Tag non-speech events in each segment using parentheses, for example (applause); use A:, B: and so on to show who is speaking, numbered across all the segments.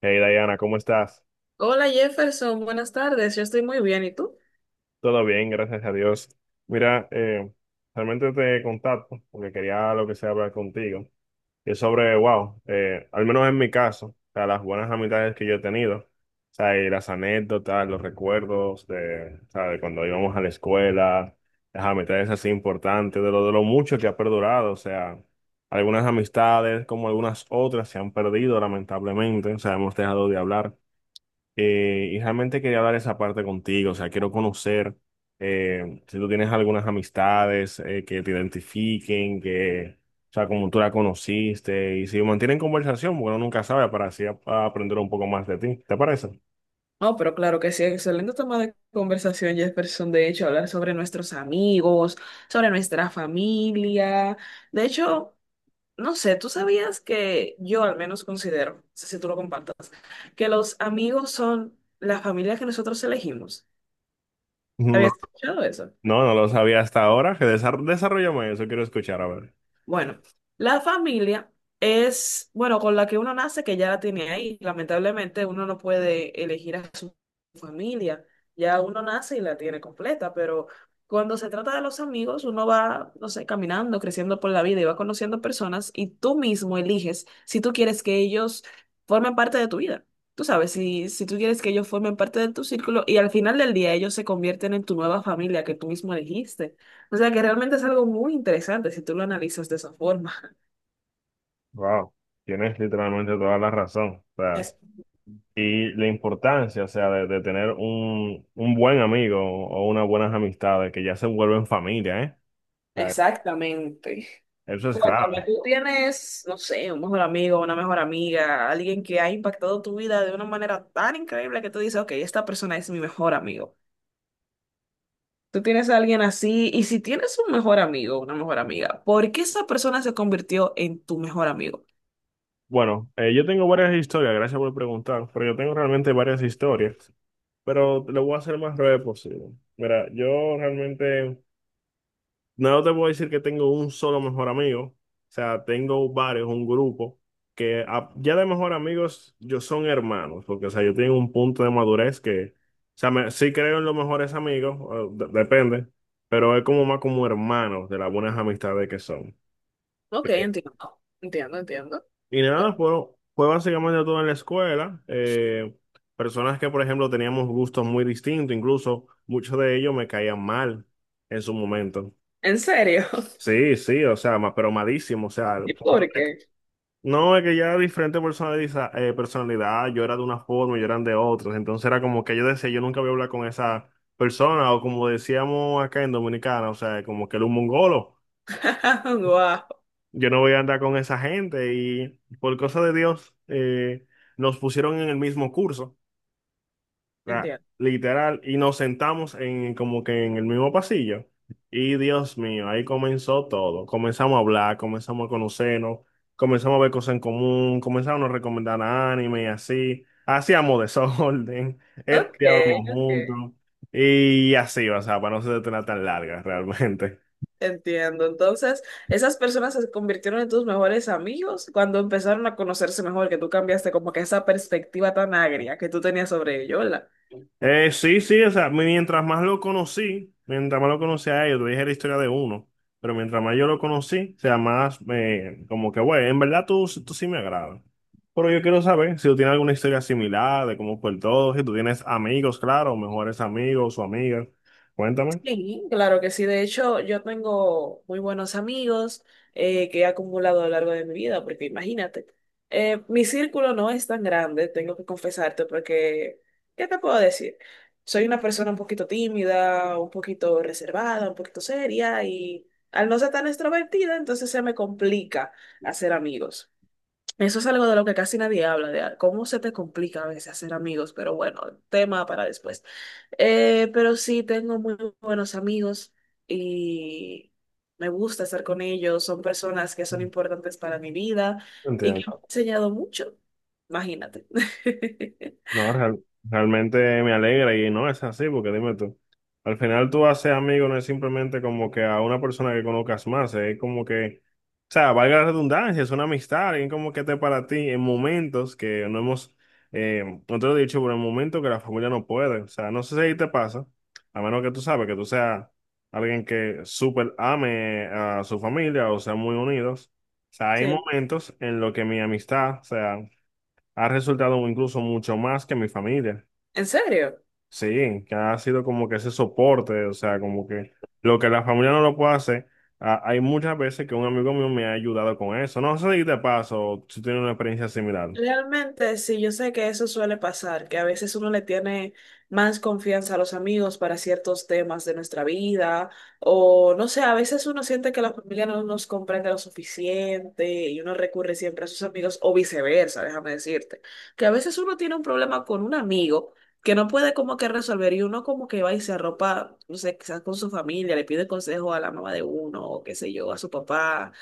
A: Hey Diana, ¿cómo estás?
B: Hola Jefferson, buenas tardes, yo estoy muy bien, ¿y tú?
A: Todo bien, gracias a Dios. Mira, realmente te contacto porque quería lo que sea hablar contigo. Y es sobre, wow, al menos en mi caso, o sea, las buenas amistades que yo he tenido, o sea, y las anécdotas, los recuerdos de, o sea, de cuando íbamos a la escuela, las amistades así importantes, de lo mucho que ha perdurado, o sea, algunas amistades como algunas otras se han perdido lamentablemente, o sea, hemos dejado de hablar. Y realmente quería hablar esa parte contigo, o sea, quiero conocer si tú tienes algunas amistades que te identifiquen, que, o sea, como tú la conociste, y si mantienen conversación, bueno, nunca sabe, para así a aprender un poco más de ti, ¿te parece?
B: No, pero claro que sí, excelente tema de conversación Jefferson, de hecho, hablar sobre nuestros amigos, sobre nuestra familia. De hecho, no sé, ¿tú sabías que yo al menos considero, no sé si tú lo compartas, que los amigos son la familia que nosotros elegimos?
A: No,
B: ¿Habías escuchado eso?
A: no, no lo sabía hasta ahora, que desarrollame eso, quiero escuchar, a ver.
B: Bueno, la familia es, bueno, con la que uno nace, que ya la tiene ahí. Lamentablemente uno no puede elegir a su familia. Ya uno nace y la tiene completa, pero cuando se trata de los amigos, uno va, no sé, caminando, creciendo por la vida y va conociendo personas y tú mismo eliges si tú quieres que ellos formen parte de tu vida. Tú sabes, si tú quieres que ellos formen parte de tu círculo y al final del día ellos se convierten en tu nueva familia que tú mismo elegiste. O sea que realmente es algo muy interesante si tú lo analizas de esa forma.
A: Wow, tienes literalmente toda la razón, o sea,
B: Es-
A: y la importancia, o sea, de tener un buen amigo o unas buenas amistades que ya se vuelven familia, ¿eh? Sea,
B: Exactamente.
A: eso es
B: Cuéntame,
A: claro.
B: tú tienes, no sé, un mejor amigo, una mejor amiga, alguien que ha impactado tu vida de una manera tan increíble que tú dices, ok, esta persona es mi mejor amigo. Tú tienes a alguien así, y si tienes un mejor amigo, una mejor amiga, ¿por qué esa persona se convirtió en tu mejor amigo?
A: Bueno, yo tengo varias historias, gracias por preguntar, pero yo tengo realmente varias historias, pero lo voy a hacer más breve posible. Mira, yo realmente no te voy a decir que tengo un solo mejor amigo, o sea, tengo varios, un grupo, que ya de mejor amigos yo son hermanos, porque, o sea, yo tengo un punto de madurez que, o sea, sí creo en los mejores amigos, depende, pero es como más como hermanos de las buenas amistades que son.
B: Ok, entiendo, entiendo, entiendo.
A: Y
B: Pero,
A: nada, fue básicamente todo en la escuela. Personas que, por ejemplo, teníamos gustos muy distintos, incluso muchos de ellos me caían mal en su momento.
B: ¿en serio? (laughs)
A: Sí, sí, o sea, pero malísimo, o sea, al
B: ¿Y
A: punto
B: por
A: de-
B: qué?
A: No, es que ya era diferente personalidad, yo era de una forma, yo eran de otras, entonces era como que yo decía, yo nunca voy a hablar con esa persona, o como decíamos acá en Dominicana, o sea, como que era un mongolo.
B: (laughs) Wow,
A: Yo no voy a andar con esa gente y por cosa de Dios nos pusieron en el mismo curso, o sea,
B: entiendo.
A: literal, y nos sentamos en como que en el mismo pasillo. Y Dios mío, ahí comenzó todo. Comenzamos a hablar, comenzamos a conocernos, comenzamos a ver cosas en común, comenzamos a no recomendar anime y así. Hacíamos desorden, (laughs)
B: Ok,
A: estudiábamos
B: ok.
A: juntos y así, o sea, para no ser tan larga (laughs) realmente.
B: Entiendo. Entonces, esas personas se convirtieron en tus mejores amigos cuando empezaron a conocerse mejor, que tú cambiaste como que esa perspectiva tan agria que tú tenías sobre ellos.
A: Sí, sí, o sea, mientras más lo conocí a ellos, te dije la historia de uno, pero mientras más yo lo conocí, o sea, más como que, güey, en verdad tú sí me agradas. Pero yo quiero saber si tú tienes alguna historia similar de cómo fue el todo, si tú tienes amigos, claro, o mejores amigos o amigas. Cuéntame.
B: Sí, claro que sí. De hecho, yo tengo muy buenos amigos, que he acumulado a lo largo de mi vida, porque imagínate, mi círculo no es tan grande, tengo que confesarte, porque, ¿qué te puedo decir? Soy una persona un poquito tímida, un poquito reservada, un poquito seria, y al no ser tan extrovertida, entonces se me complica hacer amigos. Eso es algo de lo que casi nadie habla, de cómo se te complica a veces hacer amigos, pero bueno, tema para después. Pero sí, tengo muy buenos amigos y me gusta estar con ellos, son personas que son importantes para mi vida y que me
A: Entiendo.
B: han enseñado mucho, imagínate. (laughs)
A: No, realmente me alegra y no es así, porque dime tú, al final tú haces amigo no es simplemente como que a una persona que conozcas más, es como que, o sea, valga la redundancia, es una amistad, alguien como que esté para ti en momentos que no hemos, no te lo he dicho, pero en momentos que la familia no puede, o sea, no sé si ahí te pasa, a menos que tú sabes que tú seas alguien que súper ame a su familia o sean muy unidos, o sea, hay
B: Sí,
A: momentos en los que mi amistad, o sea, ha resultado incluso mucho más que mi familia.
B: ¿en serio?
A: Sí, que ha sido como que ese soporte, o sea, como que lo que la familia no lo puede hacer, hay muchas veces que un amigo mío me ha ayudado con eso. No sé si te paso, si tienes una experiencia similar.
B: Realmente, sí, yo sé que eso suele pasar, que a veces uno le tiene más confianza a los amigos para ciertos temas de nuestra vida, o no sé, a veces uno siente que la familia no nos comprende lo suficiente y uno recurre siempre a sus amigos, o viceversa, déjame decirte, que a veces uno tiene un problema con un amigo que no puede como que resolver y uno como que va y se arropa, no sé, quizás con su familia, le pide consejo a la mamá de uno, o qué sé yo, a su papá.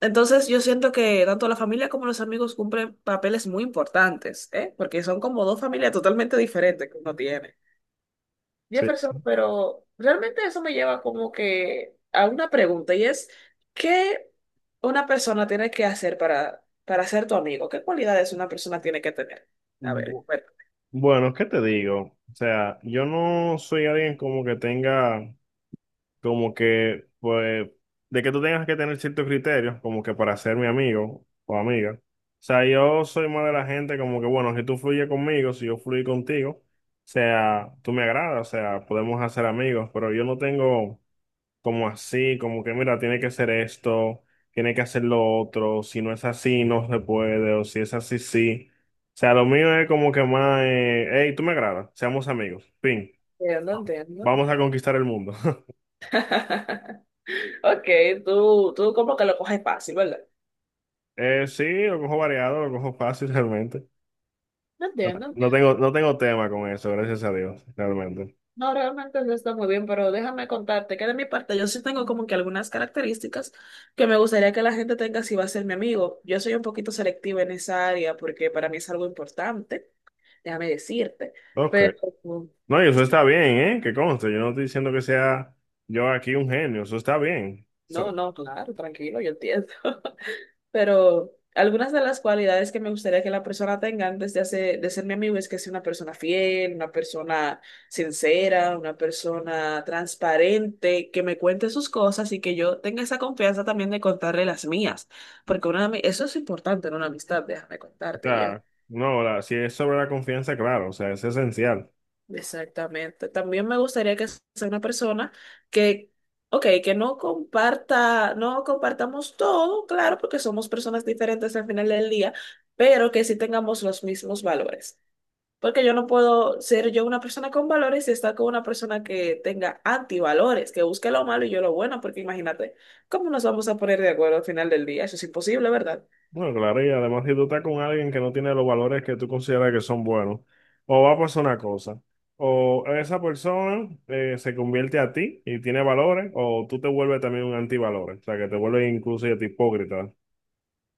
B: Entonces yo siento que tanto la familia como los amigos cumplen papeles muy importantes, ¿eh? Porque son como dos familias totalmente diferentes que uno tiene. Jefferson,
A: Sí.
B: pero realmente eso me lleva como que a una pregunta y es, ¿qué una persona tiene que hacer para ser tu amigo? ¿Qué cualidades una persona tiene que tener? A ver,
A: Bu-
B: bueno.
A: Bueno, ¿qué te digo? O sea, yo no soy alguien como que tenga como que, pues, de que tú tengas que tener ciertos criterios, como que para ser mi amigo o amiga. O sea, yo soy más de la gente como que, bueno, si tú fluyes conmigo, si yo fluyo contigo, o sea, tú me agradas, o sea, podemos hacer amigos, pero yo no tengo como así, como que, mira, tiene que ser esto, tiene que hacer lo otro, si no es así, no se puede, o si es así, sí. O sea, lo mío es como que más, hey, tú me agradas, seamos amigos, fin,
B: Entiendo, entiendo.
A: vamos a conquistar el mundo.
B: (laughs) Ok, tú como que lo coges fácil, ¿verdad?
A: Sí, lo cojo variado, lo cojo fácil realmente.
B: No entiendo.
A: No tengo tema con eso, gracias a Dios, realmente.
B: No, realmente no está muy bien, pero déjame contarte que de mi parte yo sí tengo como que algunas características que me gustaría que la gente tenga si va a ser mi amigo. Yo soy un poquito selectiva en esa área porque para mí es algo importante, déjame decirte,
A: Ok.
B: pero
A: No, y eso está bien, ¿eh? Que conste, yo no estoy diciendo que sea yo aquí un genio, eso está bien.
B: no, no, claro, tranquilo, yo entiendo. (laughs) Pero algunas de las cualidades que me gustaría que la persona tenga antes de, hacer, de ser mi amigo es que sea una persona fiel, una persona sincera, una persona transparente, que me cuente sus cosas y que yo tenga esa confianza también de contarle las mías, porque una, eso es importante en una amistad, déjame
A: O
B: contarte.
A: sea, no, si es sobre la confianza, claro, o sea, es esencial.
B: Exactamente. También me gustaría que sea una persona que, ok, que no comparta, no compartamos todo, claro, porque somos personas diferentes al final del día, pero que sí tengamos los mismos valores. Porque yo no puedo ser yo una persona con valores y estar con una persona que tenga antivalores, que busque lo malo y yo lo bueno, porque imagínate, ¿cómo nos vamos a poner de acuerdo al final del día? Eso es imposible, ¿verdad?
A: Bueno, claro, y además si tú estás con alguien que no tiene los valores que tú consideras que son buenos, o va a pasar una cosa, o esa persona se convierte a ti y tiene valores, o tú te vuelves también un antivalores, o sea, que te vuelves incluso hasta hipócrita.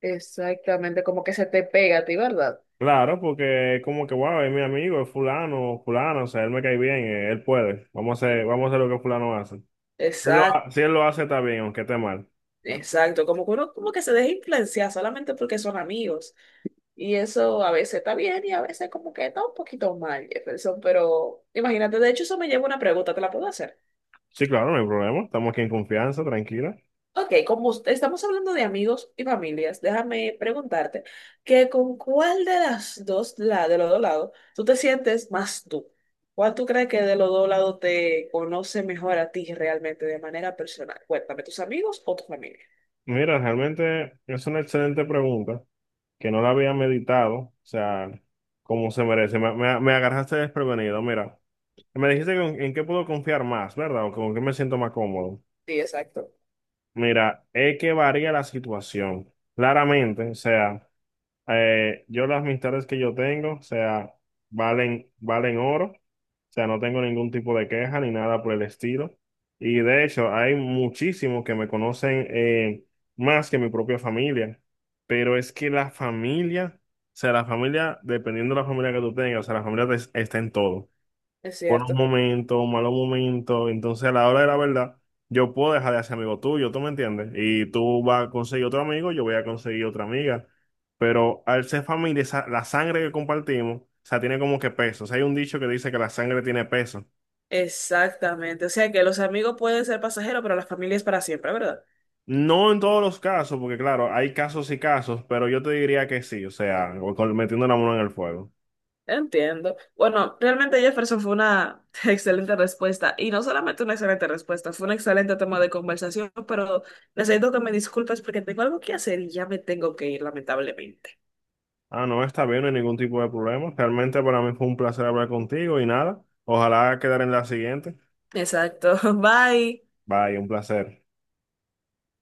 B: Exactamente, como que se te pega a ti, ¿verdad?
A: Claro, porque es como que, wow, es mi amigo, es fulano, fulano, o sea, él me cae bien, él puede, vamos a hacer lo que fulano hace. Si
B: Exacto.
A: si él lo hace, está bien, aunque esté mal.
B: Exacto, como que uno como que se deja influenciar solamente porque son amigos. Y eso a veces está bien y a veces como que está un poquito mal, Jefferson. Pero imagínate, de hecho eso me lleva a una pregunta, ¿te la puedo hacer?
A: Sí, claro, no hay problema, estamos aquí en confianza, tranquila.
B: Ok, como estamos hablando de amigos y familias, déjame preguntarte que con cuál de las dos, la, de los dos lados, tú te sientes más tú. ¿Cuál tú crees que de los dos lados te conoce mejor a ti realmente de manera personal? Cuéntame, ¿tus amigos o tu familia?
A: Mira, realmente es una excelente pregunta. Que no la había meditado, o sea, como se merece. Me agarraste desprevenido, mira. Me dijiste que en qué puedo confiar más, ¿verdad? O con qué me siento más cómodo.
B: Sí, exacto,
A: Mira, es que varía la situación. Claramente, o sea. Yo las amistades que yo tengo, o sea, valen oro, o sea, no tengo ningún tipo de queja ni nada por el estilo. Y de hecho, hay muchísimos que me conocen más que mi propia familia, pero es que la familia, dependiendo de la familia que tú tengas, o sea, la familia está en todo
B: es
A: buenos
B: cierto.
A: momentos, malos momentos. Entonces, a la hora de la verdad, yo puedo dejar de ser amigo tuyo, ¿tú me entiendes? Y tú vas a conseguir otro amigo, yo voy a conseguir otra amiga. Pero al ser familia, la sangre que compartimos, o sea, tiene como que peso. O sea, hay un dicho que dice que la sangre tiene peso.
B: Exactamente, o sea que los amigos pueden ser pasajeros, pero la familia es para siempre, ¿verdad?
A: No en todos los casos, porque claro, hay casos y casos, pero yo te diría que sí, o sea, metiendo la mano en el fuego.
B: Entiendo. Bueno, realmente Jefferson fue una (laughs) excelente respuesta y no solamente una excelente respuesta, fue un excelente tema de conversación, pero necesito que me disculpes porque tengo algo que hacer y ya me tengo que ir, lamentablemente.
A: Ah, no, está bien, no hay ningún tipo de problema. Realmente para mí fue un placer hablar contigo y nada. Ojalá quedar en la siguiente.
B: Exacto, (laughs) bye.
A: Bye, un placer.